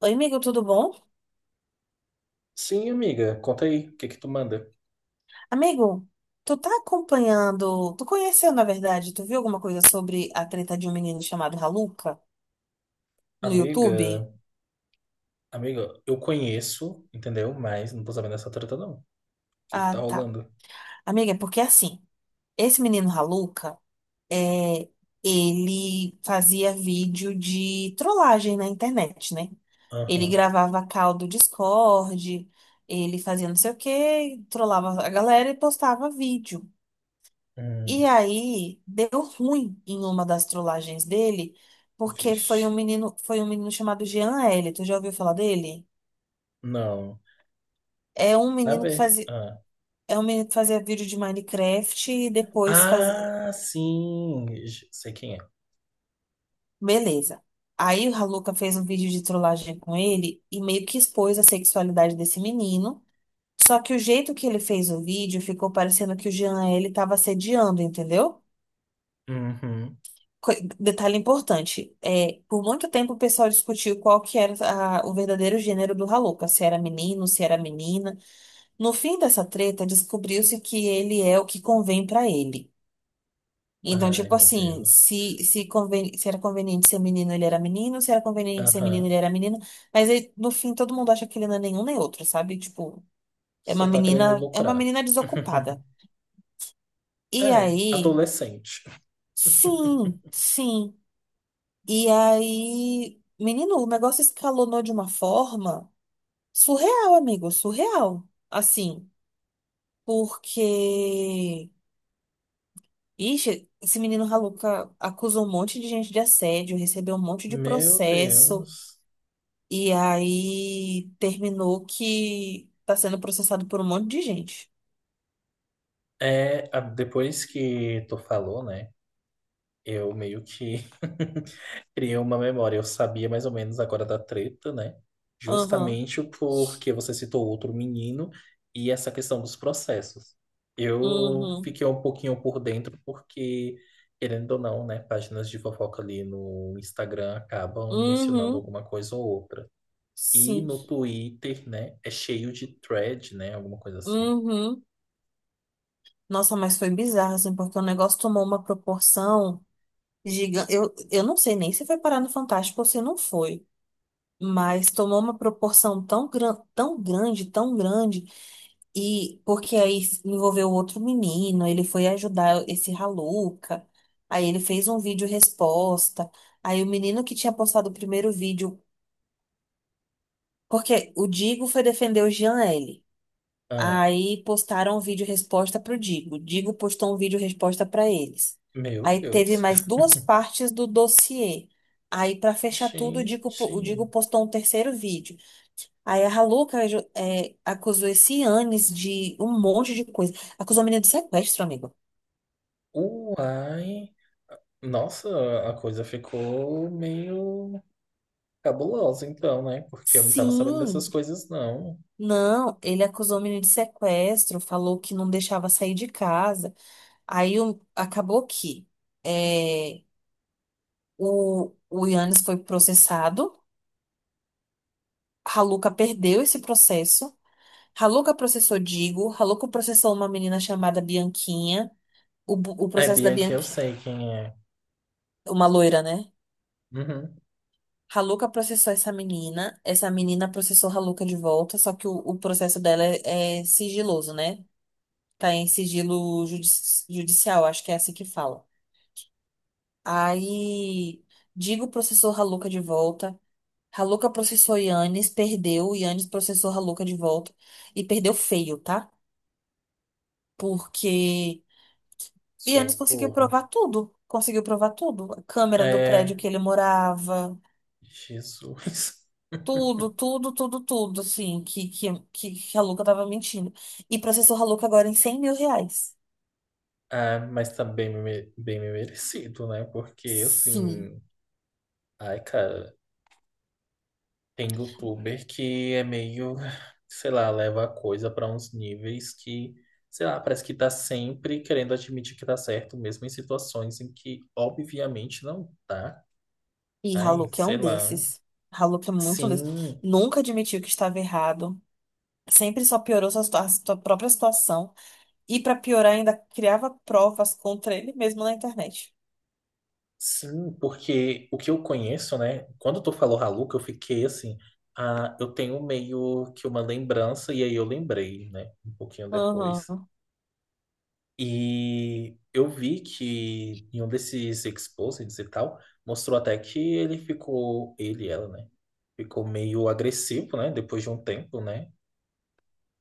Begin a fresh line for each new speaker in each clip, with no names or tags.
Oi, amigo, tudo bom?
Sim, amiga, conta aí, o que que tu manda?
Amigo, tu tá acompanhando, tu conheceu, na verdade, tu viu alguma coisa sobre a treta de um menino chamado Raluca no
Amiga,
YouTube?
amiga, eu conheço, entendeu? Mas não tô sabendo dessa treta, não. O que que
Ah,
tá
tá.
rolando?
Amiga, é porque assim, esse menino Raluca, é, ele fazia vídeo de trollagem na internet, né? Ele
Aham.
gravava call do Discord, ele fazia não sei o quê, trollava a galera e postava vídeo.
Hum,
E aí deu ruim em uma das trollagens dele, porque
vixe.
foi um menino chamado Jean L. Tu já ouviu falar dele?
Não.
É um
Na
menino que
ver.
fazia,
Ah.
é um menino que fazia vídeo de Minecraft e depois fazia,
Ah, sim, sei quem é.
beleza. Aí a Luca fez um vídeo de trollagem com ele e meio que expôs a sexualidade desse menino. Só que o jeito que ele fez o vídeo ficou parecendo que o Jean L estava assediando, entendeu?
Uhum.
co- Detalhe importante, por muito tempo o pessoal discutiu qual que era a- o verdadeiro gênero do Haluca, se era menino, se era menina. No fim dessa treta, descobriu-se que ele é o que convém pra ele. Então,
Ai,
tipo
meu
assim,
Deus.
se era conveniente ser menino, ele era menino, se era conveniente ser menino, ele
Aham.
era menina. Mas aí, no fim, todo mundo acha que ele não é nenhum nem outro, sabe? Tipo,
Só tá querendo
é uma
lucrar.
menina desocupada. E
É,
aí,
adolescente.
sim, sim. E aí, menino, o negócio escalonou de uma forma surreal, amigo, surreal. Assim, porque. Ixi, esse menino Raluca acusou um monte de gente de assédio, recebeu um monte de
Meu
processo,
Deus.
e aí terminou que tá sendo processado por um monte de gente.
É, depois que tu falou, né? Eu meio que criei uma memória. Eu sabia mais ou menos agora da treta, né?
Aham.
Justamente porque você citou outro menino e essa questão dos processos. Eu
Uhum,
fiquei um pouquinho por dentro porque, querendo ou não, né, páginas de fofoca ali no Instagram acabam mencionando
uhum,
alguma coisa ou outra. E
sim,
no Twitter, né? É cheio de thread, né? Alguma coisa assim.
uhum. Nossa, mas foi bizarro, assim, porque o negócio tomou uma proporção. Gigante. Eu não sei nem se foi parar no Fantástico ou se não foi, mas tomou uma proporção tão grande, e porque aí envolveu outro menino, ele foi ajudar esse Raluca, aí ele fez um vídeo resposta, aí o menino que tinha postado o primeiro vídeo, porque o Digo foi defender o Jean L.
Ah,
Aí postaram um vídeo resposta pro Digo. Digo postou um vídeo resposta para eles.
meu
Aí teve
Deus.
mais duas partes do dossiê. Aí, para fechar tudo, o
Gente.
Digo postou um terceiro vídeo. Aí a Haluca acusou esse Anis de um monte de coisa. Acusou o menino de sequestro, amigo.
Uai. Nossa, a coisa ficou meio cabulosa então, né? Porque eu não tava sabendo dessas
Sim,
coisas, não.
não, ele acusou o menino de sequestro, falou que não deixava sair de casa. Acabou que é, o Yannis foi processado. Haluca perdeu esse processo. Haluca processou Digo. Haluca processou uma menina chamada Bianquinha. O
É,
processo da
Bianca, eu
Bianquinha.
sei quem é.
Uma loira, né?
Uhum.
Haluca processou essa menina. Essa menina processou Haluca de volta. Só que o processo dela é sigiloso, né? Tá em judicial, acho que é assim que fala. Aí, Digo processou Haluca de volta. Haluca processou Yannis, perdeu. Yannis processou Haluca de volta. E perdeu feio, tá? Porque. E eles conseguiu
Socorro.
provar tudo. Conseguiu provar tudo. A câmera do prédio
É,
que ele morava.
Jesus.
Tudo, tudo, tudo, tudo, assim, que a Haluca tava mentindo. E processou a Haluca agora em R$ 100.000.
Ah, mas tá bem, bem me merecido, né? Porque,
Sim.
assim... Ai, cara, tem youtuber que é meio, sei lá, leva a coisa para uns níveis que, sei lá, parece que tá sempre querendo admitir que tá certo, mesmo em situações em que obviamente não tá.
E
Ai,
Haluca é um
sei lá.
desses. Haluca é muito um desses.
Sim,
Nunca admitiu que estava errado. Sempre só piorou sua própria situação. E pra piorar, ainda criava provas contra ele mesmo na internet.
sim, porque o que eu conheço, né? Quando tu falou Haluca, eu fiquei assim, ah, eu tenho meio que uma lembrança, e aí eu lembrei, né? Um pouquinho depois.
Aham.
E eu vi que em um desses exposits e tal, mostrou até que ele ficou, ele, ela, né? Ficou meio agressivo, né? Depois de um tempo, né?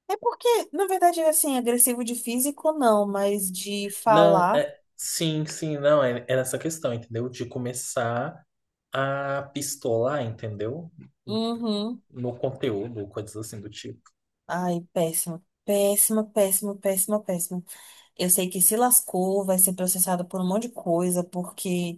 É porque, na verdade, assim, agressivo de físico não, mas de
Não,
falar.
é, sim, sim, não, é, é essa questão, entendeu? De começar a pistolar, entendeu?
Uhum.
No conteúdo, coisas assim do tipo.
Ai, péssimo. Péssimo, péssimo, péssimo, péssimo. Eu sei que se lascou, vai ser processado por um monte de coisa, porque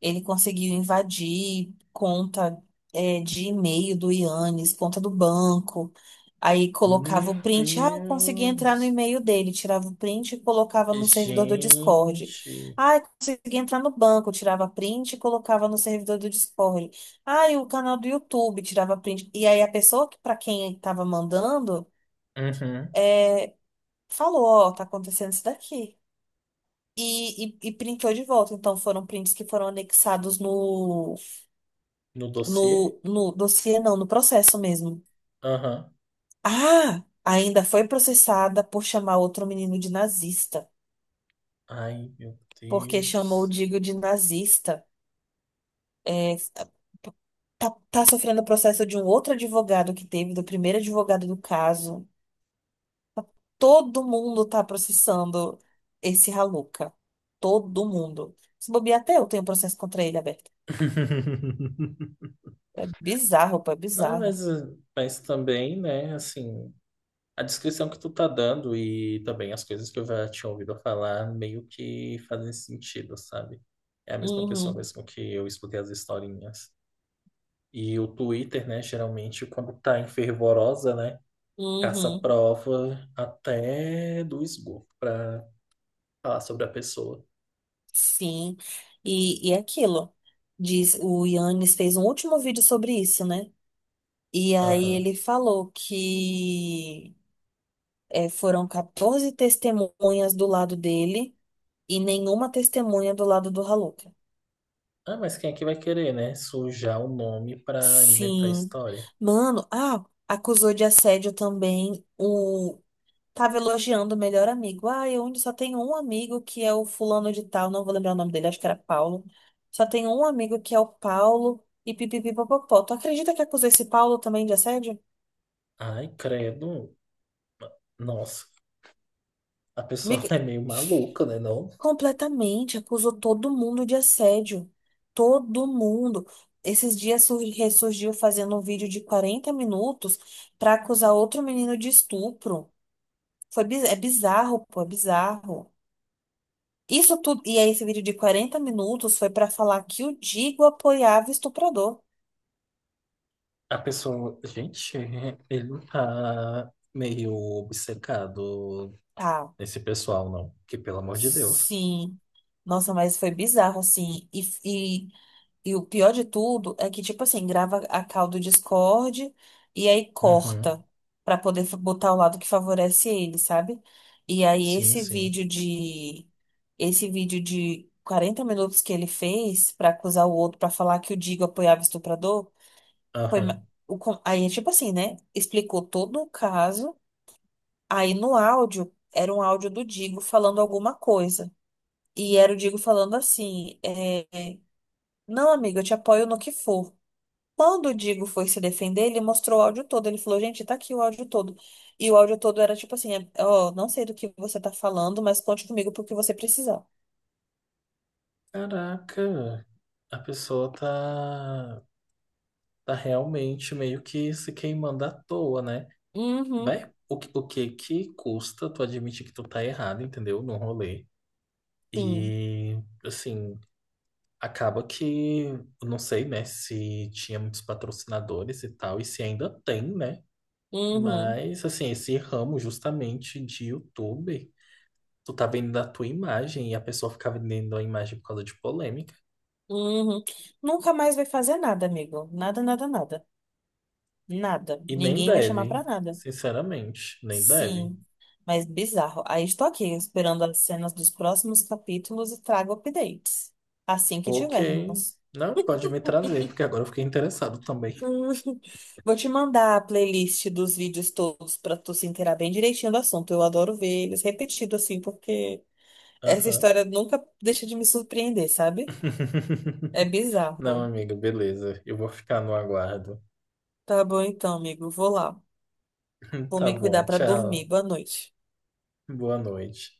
ele conseguiu invadir conta de e-mail do Yannis, conta do banco. Aí colocava o
Meu
print. Ah, eu consegui entrar no
Deus!
e-mail dele. Tirava o print e colocava no servidor do Discord.
Gente!
Ah, eu consegui entrar no banco. Tirava print e colocava no servidor do Discord. Ah, e o canal do YouTube. Tirava print. E aí a pessoa que para quem estava mandando
Uhum.
é, falou: Ó, tá acontecendo isso daqui. E, e printou de volta. Então foram prints que foram anexados
No dossiê?
no, no dossiê, não, no processo mesmo.
Aham.
Ah, ainda foi processada por chamar outro menino de nazista,
Ai, meu
porque chamou o
Deus.
Digo de nazista. É, tá, tá sofrendo o processo de um outro advogado que teve, do primeiro advogado do caso. Todo mundo tá processando esse Raluca. Todo mundo. Se bobear, até eu tenho processo contra ele aberto. É bizarro, pô, é
Ah, mas,
bizarro.
mas também, né, assim, a descrição que tu tá dando e também as coisas que eu já tinha ouvido falar meio que fazem sentido, sabe? É a mesma pessoa
Uhum,
mesmo que eu escutei as historinhas. E o Twitter, né, geralmente quando tá em fervorosa, né, caça
uhum.
prova até do esgoto pra falar sobre a pessoa.
Sim, e é aquilo. Diz, o Yannis fez um último vídeo sobre isso, né? E aí
Aham.
ele falou que foram 14 testemunhas do lado dele e nenhuma testemunha do lado do Raluca.
Ah, mas quem é que vai querer, né, sujar o nome pra inventar
Sim.
história?
Mano, ah, acusou de assédio também. Tava elogiando o melhor amigo. Ah, eu ainda só tenho um amigo que é o fulano de tal, não vou lembrar o nome dele, acho que era Paulo. Só tenho um amigo que é o Paulo e pipipipopopó. Tu acredita que acusou esse Paulo também de assédio?
Ai, credo. Nossa. A pessoa
Amigo,
é meio maluca, né, não?
completamente, acusou todo mundo de assédio. Todo mundo. Ressurgiu fazendo um vídeo de 40 minutos pra acusar outro menino de estupro. É bizarro, pô, é bizarro. Isso tudo, e aí esse vídeo de 40 minutos foi pra falar que o Digo apoiava o estuprador.
A pessoa, gente, ele não tá meio obcecado
Tá.
nesse pessoal, não? Que pelo amor de Deus.
Sim. Nossa, mas foi bizarro, assim. E, e, e o pior de tudo é que, tipo assim, grava a call do Discord e aí
Uhum.
corta pra poder botar o lado que favorece ele, sabe? E aí
Sim, sim.
esse vídeo de 40 minutos que ele fez pra acusar o outro, pra falar que o Digo apoiava o estuprador. Foi ma-
Aham.
o, con- Aí, tipo assim, né? Explicou todo o caso. Aí no áudio, era um áudio do Digo falando alguma coisa. E era o Digo falando assim: Não, amigo, eu te apoio no que for. Quando o Digo foi se defender, ele mostrou o áudio todo. Ele falou: Gente, tá aqui o áudio todo. E o áudio todo era tipo assim: Ó, não sei do que você tá falando, mas conte comigo pro que você precisar.
Caraca, a pessoa tá, tá realmente meio que se queimando à toa, né?
Uhum,
Vai, o que que custa tu admitir que tu tá errado, entendeu? No rolê.
sim.
E, assim, acaba que, eu não sei, né, se tinha muitos patrocinadores e tal, e se ainda tem, né?
Uhum,
Mas, assim, esse ramo justamente de YouTube, tu tá vendendo a tua imagem e a pessoa fica vendendo a imagem por causa de polêmica.
uhum. Nunca mais vai fazer nada, amigo. Nada, nada, nada. Nada.
E nem
Ninguém vai chamar pra
deve,
nada.
sinceramente, nem deve.
Sim, mas bizarro. Aí estou aqui esperando as cenas dos próximos capítulos e trago updates. Assim que
Ok,
tivermos.
não, pode me trazer, porque agora eu fiquei interessado também.
Hum, vou te mandar a playlist dos vídeos todos para tu se inteirar bem direitinho do assunto. Eu adoro ver eles repetido assim, porque essa
Aham.
história nunca deixa de me surpreender, sabe? É bizarro.
Não, amigo, beleza, eu vou ficar no aguardo.
Tá bom então, amigo. Vou lá. Vou
Tá
me cuidar
bom,
para dormir.
tchau,
Boa noite.
boa noite.